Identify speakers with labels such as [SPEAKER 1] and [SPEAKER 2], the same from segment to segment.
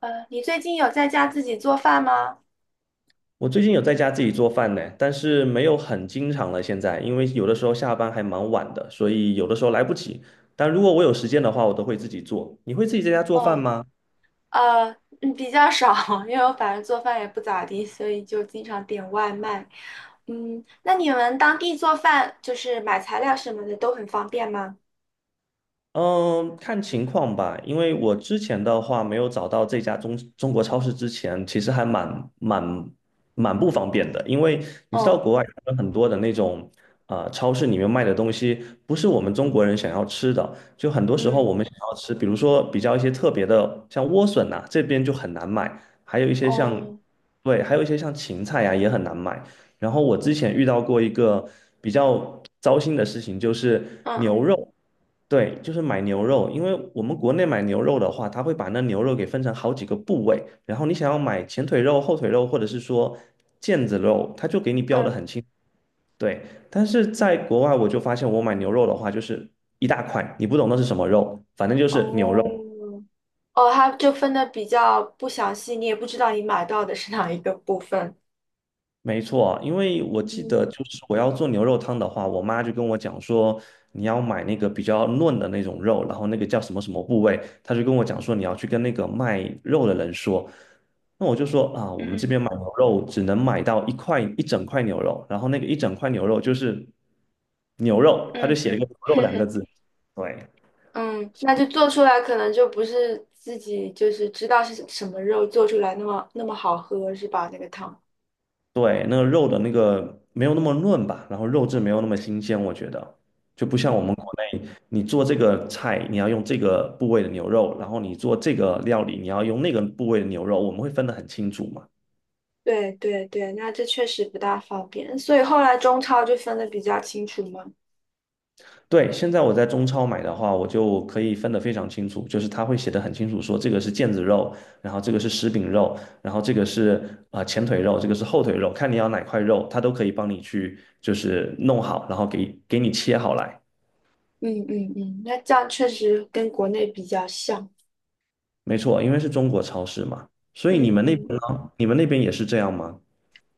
[SPEAKER 1] 你最近有在家自己做饭吗？
[SPEAKER 2] 我最近有在家自己做饭呢，但是没有很经常了。现在，因为有的时候下班还蛮晚的，所以有的时候来不及。但如果我有时间的话，我都会自己做。你会自己在家做饭
[SPEAKER 1] 哦。
[SPEAKER 2] 吗？
[SPEAKER 1] 呃，比较少，因为我反正做饭也不咋地，所以就经常点外卖。那你们当地做饭就是买材料什么的都很方便吗？
[SPEAKER 2] 嗯，看情况吧，因为我之前的话没有找到这家中国超市之前，其实还蛮不方便的，因为你知道
[SPEAKER 1] 哦。
[SPEAKER 2] 国外有很多的那种超市里面卖的东西不是我们中国人想要吃的，就很多时候我
[SPEAKER 1] 嗯。
[SPEAKER 2] 们想要吃，比如说比较一些特别的，像莴笋呐、这边就很难买，还有一些像
[SPEAKER 1] 哦。
[SPEAKER 2] 对，还有一些像芹菜呀、也很难买。然后我之前遇到过一个比较糟心的事情，就是
[SPEAKER 1] 嗯
[SPEAKER 2] 牛
[SPEAKER 1] 嗯
[SPEAKER 2] 肉。对，就是买牛肉，因为我们国内买牛肉的话，它会把那牛肉给分成好几个部位，然后你想要买前腿肉、后腿肉，或者是说腱子肉，它就给你标的
[SPEAKER 1] 嗯。
[SPEAKER 2] 很清。对，但是在国外我就发现，我买牛肉的话，就是一大块，你不懂那是什么肉，反正就是牛肉。
[SPEAKER 1] 哦。哦，它就分的比较不详细，你也不知道你买到的是哪一个部分。
[SPEAKER 2] 没错，因为我记得
[SPEAKER 1] 嗯
[SPEAKER 2] 就是我要做牛肉汤的话，我妈就跟我讲说，你要买那个比较嫩的那种肉，然后那个叫什么什么部位，她就跟我讲说你要去跟那个卖肉的人说。那我就说啊，我们这
[SPEAKER 1] 嗯
[SPEAKER 2] 边买牛肉只能买到一整块牛肉，然后那个一整块牛肉就是牛肉，他就
[SPEAKER 1] 嗯
[SPEAKER 2] 写了一个
[SPEAKER 1] 嗯
[SPEAKER 2] 牛肉两个
[SPEAKER 1] 嗯。
[SPEAKER 2] 字，对，
[SPEAKER 1] 嗯，那就做出来可能就不是自己就是知道是什么肉做出来那么那么好喝是吧？那个汤。
[SPEAKER 2] 对，那个肉的那个没有那么嫩吧，然后肉质没有那么新鲜，我觉得就不像我们
[SPEAKER 1] 嗯，
[SPEAKER 2] 国内，你做这个菜你要用这个部位的牛肉，然后你做这个料理你要用那个部位的牛肉，我们会分得很清楚嘛。
[SPEAKER 1] 对对对，那这确实不大方便，所以后来中超就分的比较清楚嘛。
[SPEAKER 2] 对，现在我在中超买的话，我就可以分得非常清楚，就是它会写得很清楚，说这个是腱子肉，然后这个是食饼肉，然后这个是前腿肉，这个是后腿肉，看你要哪块肉，它都可以帮你去就是弄好，然后给你切好来。
[SPEAKER 1] 嗯，那这样确实跟国内比较像。
[SPEAKER 2] 没错，因为是中国超市嘛，所以你
[SPEAKER 1] 嗯
[SPEAKER 2] 们那
[SPEAKER 1] 嗯。
[SPEAKER 2] 边呢？你们那边也是这样吗？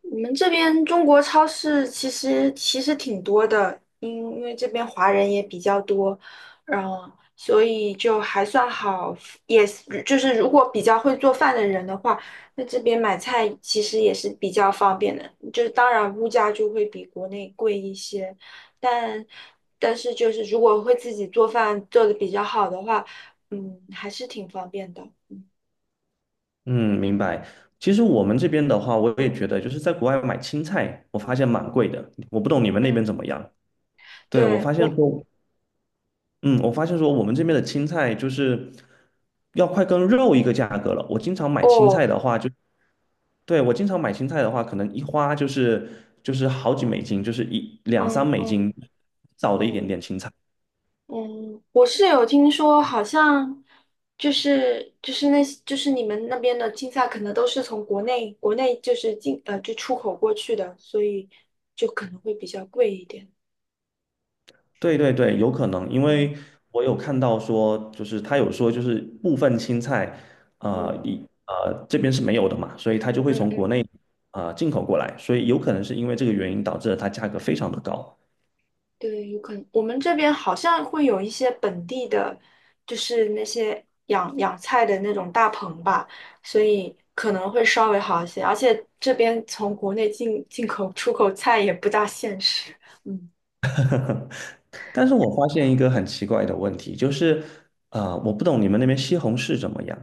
[SPEAKER 1] 我们这边中国超市其实挺多的，因为这边华人也比较多，然后所以就还算好，也是就是如果比较会做饭的人的话，那这边买菜其实也是比较方便的，就是当然物价就会比国内贵一些，但但是就是如果会自己做饭做的比较好的话，还是挺方便的。嗯。
[SPEAKER 2] 嗯，明白。其实我们这边的话，我也觉得就是在国外买青菜，我发现蛮贵的。我不懂你们那边怎
[SPEAKER 1] 嗯
[SPEAKER 2] 么样？对，我
[SPEAKER 1] 对
[SPEAKER 2] 发现
[SPEAKER 1] 我
[SPEAKER 2] 说，嗯，我发现说我们这边的青菜就是要快跟肉一个价格了。我经常买青
[SPEAKER 1] 哦。
[SPEAKER 2] 菜的话就，对，我经常买青菜的话，可能一花就是好几美金，就是一两三
[SPEAKER 1] 嗯
[SPEAKER 2] 美
[SPEAKER 1] 嗯。
[SPEAKER 2] 金，少的一点
[SPEAKER 1] 嗯
[SPEAKER 2] 点青菜。
[SPEAKER 1] 嗯，我是有听说，好像就是那些就是你们那边的青菜，可能都是从国内就是进就出口过去的，所以就可能会比较贵一点。
[SPEAKER 2] 对对对，有可能，因
[SPEAKER 1] 嗯
[SPEAKER 2] 为我有看到说，就是他有说，就是部分青菜，呃，
[SPEAKER 1] 嗯
[SPEAKER 2] 一这边是没有的嘛，所以他就会
[SPEAKER 1] 嗯
[SPEAKER 2] 从国
[SPEAKER 1] 嗯。
[SPEAKER 2] 内进口过来，所以有可能是因为这个原因导致了它价格非常的高。
[SPEAKER 1] 对，有可能我们这边好像会有一些本地的，就是那些养菜的那种大棚吧，所以可能会稍微好一些。而且这边从国内进口出口菜也不大现实。嗯。
[SPEAKER 2] 但是我发现一个很奇怪的问题，就是我不懂你们那边西红柿怎么样？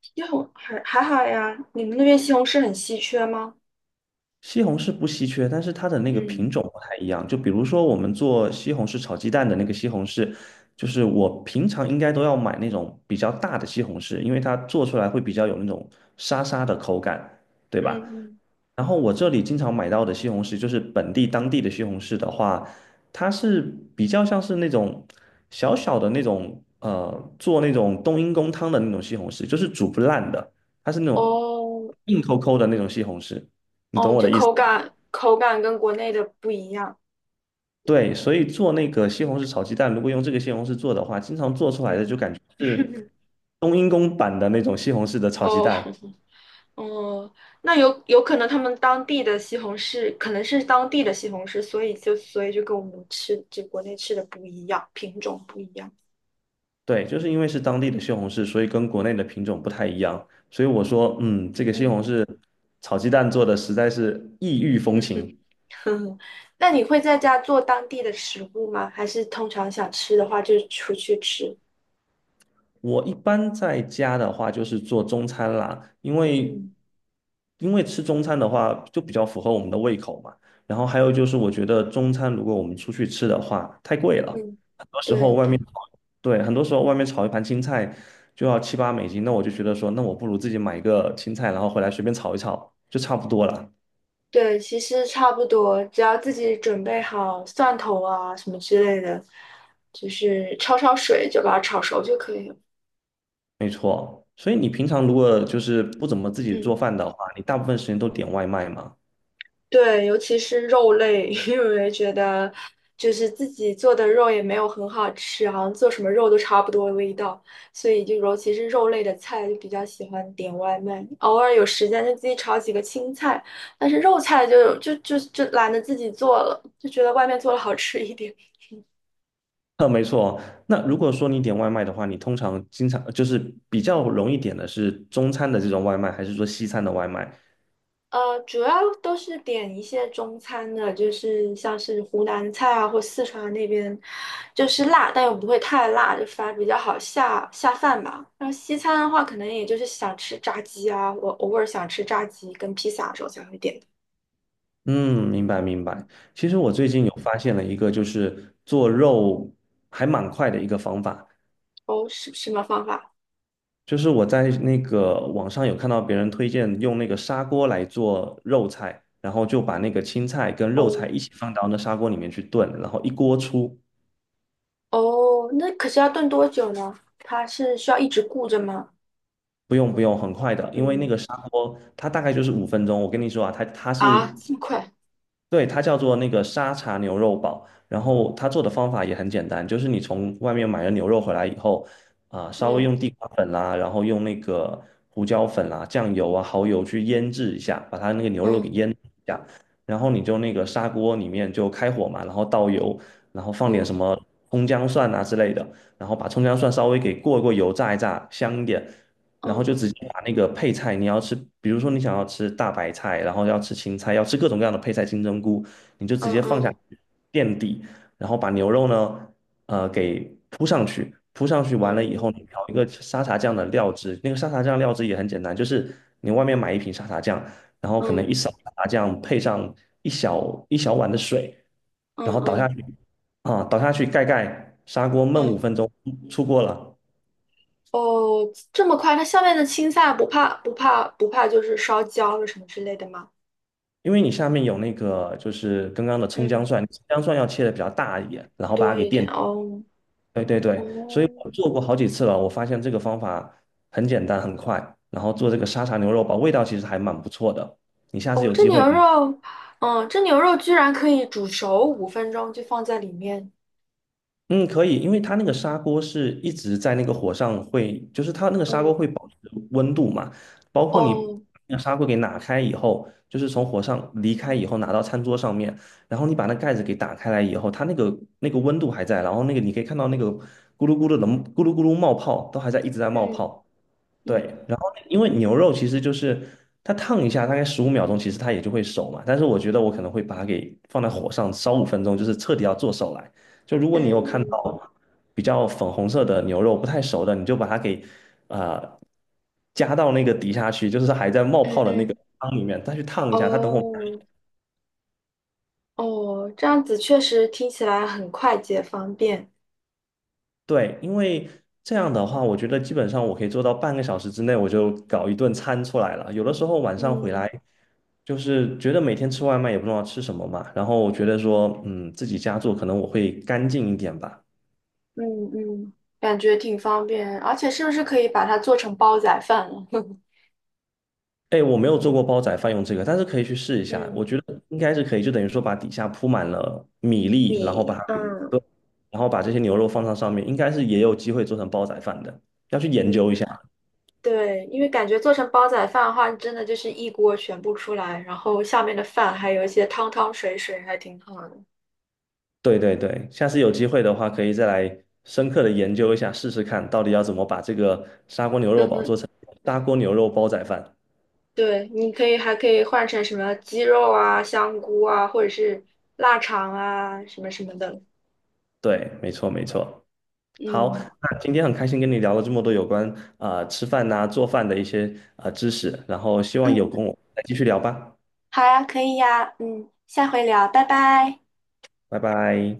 [SPEAKER 1] 西红还还好呀，你们那边西红柿很稀缺吗？
[SPEAKER 2] 西红柿不稀缺，但是它的那个品
[SPEAKER 1] 嗯
[SPEAKER 2] 种不太一样。就比如说我们做西红柿炒鸡蛋的那个西红柿，就是我平常应该都要买那种比较大的西红柿，因为它做出来会比较有那种沙沙的口感，对
[SPEAKER 1] 嗯
[SPEAKER 2] 吧？
[SPEAKER 1] 嗯。
[SPEAKER 2] 然后我这里经常买到的西红柿，就是本地当地的西红柿的话，它是比较像是那种小小的那种做那种冬阴功汤的那种西红柿，就是煮不烂的，它是那种
[SPEAKER 1] 哦
[SPEAKER 2] 硬抠抠的那种西红柿，你懂
[SPEAKER 1] 哦，
[SPEAKER 2] 我
[SPEAKER 1] 就
[SPEAKER 2] 的意思
[SPEAKER 1] 口
[SPEAKER 2] 吗？
[SPEAKER 1] 感口感跟国内的不一样。
[SPEAKER 2] 对，所以做那个西红柿炒鸡蛋，如果用这个西红柿做的话，经常做出来的
[SPEAKER 1] 嗯。
[SPEAKER 2] 就感觉是 冬阴功版的那种西红柿的炒鸡
[SPEAKER 1] 哦
[SPEAKER 2] 蛋。
[SPEAKER 1] 哦，那有可能他们当地的西红柿可能是当地的西红柿，所以就跟我们吃就国内吃的不一样，品种不一样。
[SPEAKER 2] 对，就是因为是当地的西红柿，所以跟国内的品种不太一样。所以我说，嗯，这个西红
[SPEAKER 1] 嗯，
[SPEAKER 2] 柿炒鸡蛋做的实在是异域风情。
[SPEAKER 1] 嗯，那你会在家做当地的食物吗？还是通常想吃的话就出去吃？
[SPEAKER 2] 我一般在家的话，就是做中餐啦，因为
[SPEAKER 1] 嗯。
[SPEAKER 2] 因为吃中餐的话，就比较符合我们的胃口嘛。然后还有就是，我觉得中餐如果我们出去吃的话，太贵了，
[SPEAKER 1] 嗯。
[SPEAKER 2] 很多时候
[SPEAKER 1] 对
[SPEAKER 2] 外面，
[SPEAKER 1] 对。
[SPEAKER 2] 对，很多时候外面炒一盘青菜就要7、8美金，那我就觉得说，那我不如自己买一个青菜，然后回来随便炒一炒，就差不多了。
[SPEAKER 1] 对，其实差不多，只要自己准备好蒜头啊什么之类的，就是焯焯水就把它炒熟就可以了。
[SPEAKER 2] 没错，所以你平常如果就是不怎么自己
[SPEAKER 1] 嗯，
[SPEAKER 2] 做饭的话，你大部分时间都点外卖嘛？
[SPEAKER 1] 对，尤其是肉类，因为觉得就是自己做的肉也没有很好吃，好像做什么肉都差不多的味道，所以就尤其是肉类的菜就比较喜欢点外卖，偶尔有时间就自己炒几个青菜，但是肉菜就懒得自己做了，就觉得外面做的好吃一点。
[SPEAKER 2] 没错哦。那如果说你点外卖的话，你通常经常就是比较容易点的是中餐的这种外卖，还是说西餐的外卖？
[SPEAKER 1] 主要都是点一些中餐的，就是像是湖南菜啊，或四川那边，就是辣，但又不会太辣，就反而比较好下饭吧。然后西餐的话，可能也就是想吃炸鸡啊，我偶尔想吃炸鸡跟披萨的时候才会点的。
[SPEAKER 2] 嗯，明白明白。其实我最
[SPEAKER 1] 嗯。
[SPEAKER 2] 近有发现了一个，就是做肉还蛮快的一个方法，
[SPEAKER 1] 哦，是什么方法？
[SPEAKER 2] 就是我在那个网上有看到别人推荐用那个砂锅来做肉菜，然后就把那个青菜跟
[SPEAKER 1] 哦
[SPEAKER 2] 肉菜一起放到那砂锅里面去炖，然后一锅出。
[SPEAKER 1] 哦，那可是要炖多久呢？它是需要一直顾着吗？
[SPEAKER 2] 不用不用，很快的，因为那个
[SPEAKER 1] 嗯。
[SPEAKER 2] 砂锅它大概就是五分钟。我跟你说啊，它
[SPEAKER 1] 啊，
[SPEAKER 2] 是
[SPEAKER 1] 这么快？
[SPEAKER 2] 对，它叫做那个沙茶牛肉堡，然后它做的方法也很简单，就是你从外面买了牛肉回来以后，稍微
[SPEAKER 1] 嗯
[SPEAKER 2] 用地瓜粉啦，然后用那个胡椒粉啦、酱油啊、蚝油去腌制一下，把它那个牛肉给
[SPEAKER 1] 嗯
[SPEAKER 2] 腌制一下，然后你就那个砂锅里面就开火嘛，然后倒油，然后放点
[SPEAKER 1] 嗯
[SPEAKER 2] 什么葱姜蒜啊之类的，然后把葱姜蒜稍微给过一过油炸一炸，香一点，然后
[SPEAKER 1] 嗯
[SPEAKER 2] 就直接把那个配菜，你要吃，比如说你想要吃大白菜，然后要吃青菜，要吃各种各样的配菜，金针菇，你就直
[SPEAKER 1] 嗯
[SPEAKER 2] 接放下
[SPEAKER 1] 嗯
[SPEAKER 2] 去垫底，然后把牛肉呢，给铺上去，铺上去完了以后，你
[SPEAKER 1] 嗯
[SPEAKER 2] 调一个沙茶酱的料汁，那个沙茶酱料汁也很简单，就是你外面买一瓶沙茶酱，然后可能
[SPEAKER 1] 嗯
[SPEAKER 2] 一勺沙茶酱配上一小碗的水，
[SPEAKER 1] 嗯
[SPEAKER 2] 然后倒下
[SPEAKER 1] 嗯
[SPEAKER 2] 去，倒下去盖盖，砂锅焖五
[SPEAKER 1] 嗯。
[SPEAKER 2] 分钟，出锅了。
[SPEAKER 1] 哦，这么快？它下面的青菜不怕，就是烧焦了什么之类的吗？
[SPEAKER 2] 因为你下面有那个就是刚刚的葱姜
[SPEAKER 1] 嗯，
[SPEAKER 2] 蒜，葱姜蒜要切的比较大一点，然后把它
[SPEAKER 1] 多
[SPEAKER 2] 给
[SPEAKER 1] 一点
[SPEAKER 2] 垫。
[SPEAKER 1] 哦。
[SPEAKER 2] 对对
[SPEAKER 1] 哦
[SPEAKER 2] 对，所以我做过好几次了，我发现这个方法很简单很快，然后做这个沙茶牛肉煲，味道其实还蛮不错的。你下次
[SPEAKER 1] 哦。
[SPEAKER 2] 有机会可以
[SPEAKER 1] 这牛肉居然可以煮熟5分钟就放在里面。
[SPEAKER 2] 嗯，可以，因为它那个砂锅是一直在那个火上会，就是它那个砂锅
[SPEAKER 1] 嗯
[SPEAKER 2] 会保持温度嘛，包括你
[SPEAKER 1] 哦
[SPEAKER 2] 那个砂锅给拿开以后，就是从火上离开以后拿到餐桌上面，然后你把那盖子给打开来以后，它那个温度还在，然后那个你可以看到那个咕噜咕噜的咕噜咕噜冒泡都还在一直在冒
[SPEAKER 1] 嗯
[SPEAKER 2] 泡。对，
[SPEAKER 1] 嗯
[SPEAKER 2] 然后因为牛肉其实就是它烫一下，大概15秒钟，其实它也就会熟嘛。但是我觉得我可能会把它给放在火上烧五分钟，就是彻底要做熟来。就如果你有
[SPEAKER 1] 嗯
[SPEAKER 2] 看
[SPEAKER 1] 嗯
[SPEAKER 2] 到比较粉红色的牛肉不太熟的，你就把它给呃加到那个底下去，就是还在冒
[SPEAKER 1] 嗯
[SPEAKER 2] 泡的那个
[SPEAKER 1] 嗯。
[SPEAKER 2] 汤里面，再去烫一下。它等会儿
[SPEAKER 1] 哦哦，这样子确实听起来很快捷方便。
[SPEAKER 2] 对，因为这样的话，我觉得基本上我可以做到半个小时之内我就搞一顿餐出来了。有的时候晚上回
[SPEAKER 1] 嗯
[SPEAKER 2] 来。就是觉得每天吃外卖也不知道吃什么嘛，然后我觉得说，嗯，自己家做可能我会干净一点吧。
[SPEAKER 1] 嗯嗯，感觉挺方便，而且是不是可以把它做成煲仔饭了？
[SPEAKER 2] 哎，我没有做过煲仔饭用这个，但是可以去试一 下，我
[SPEAKER 1] 嗯
[SPEAKER 2] 觉得应该是可以，就等于说把底下铺满了米粒，然后把
[SPEAKER 1] 米。
[SPEAKER 2] 它给
[SPEAKER 1] 嗯
[SPEAKER 2] 炖然后把这些牛肉放到上面，应该是也有机会做成煲仔饭的，要去研究一
[SPEAKER 1] 嗯。
[SPEAKER 2] 下。
[SPEAKER 1] 对，因为感觉做成煲仔饭的话，真的就是一锅全部出来，然后下面的饭还有一些汤汤水水，还挺好的。
[SPEAKER 2] 对对对，下次有机会的话，可以再来深刻的研究一下，试试看到底要怎么把这个砂锅牛
[SPEAKER 1] 嗯
[SPEAKER 2] 肉煲
[SPEAKER 1] 哼。
[SPEAKER 2] 做成砂锅牛肉煲仔饭。
[SPEAKER 1] 对，你可以还可以换成什么鸡肉啊、香菇啊，或者是腊肠啊，什么什么的。
[SPEAKER 2] 对，没错没错。好，
[SPEAKER 1] 嗯
[SPEAKER 2] 那今天很开心跟你聊了这么多有关吃饭呐、做饭的一些知识，然后希望有
[SPEAKER 1] 嗯，
[SPEAKER 2] 空我们再继续聊吧，
[SPEAKER 1] 好呀，可以呀，下回聊，拜拜。
[SPEAKER 2] 拜拜。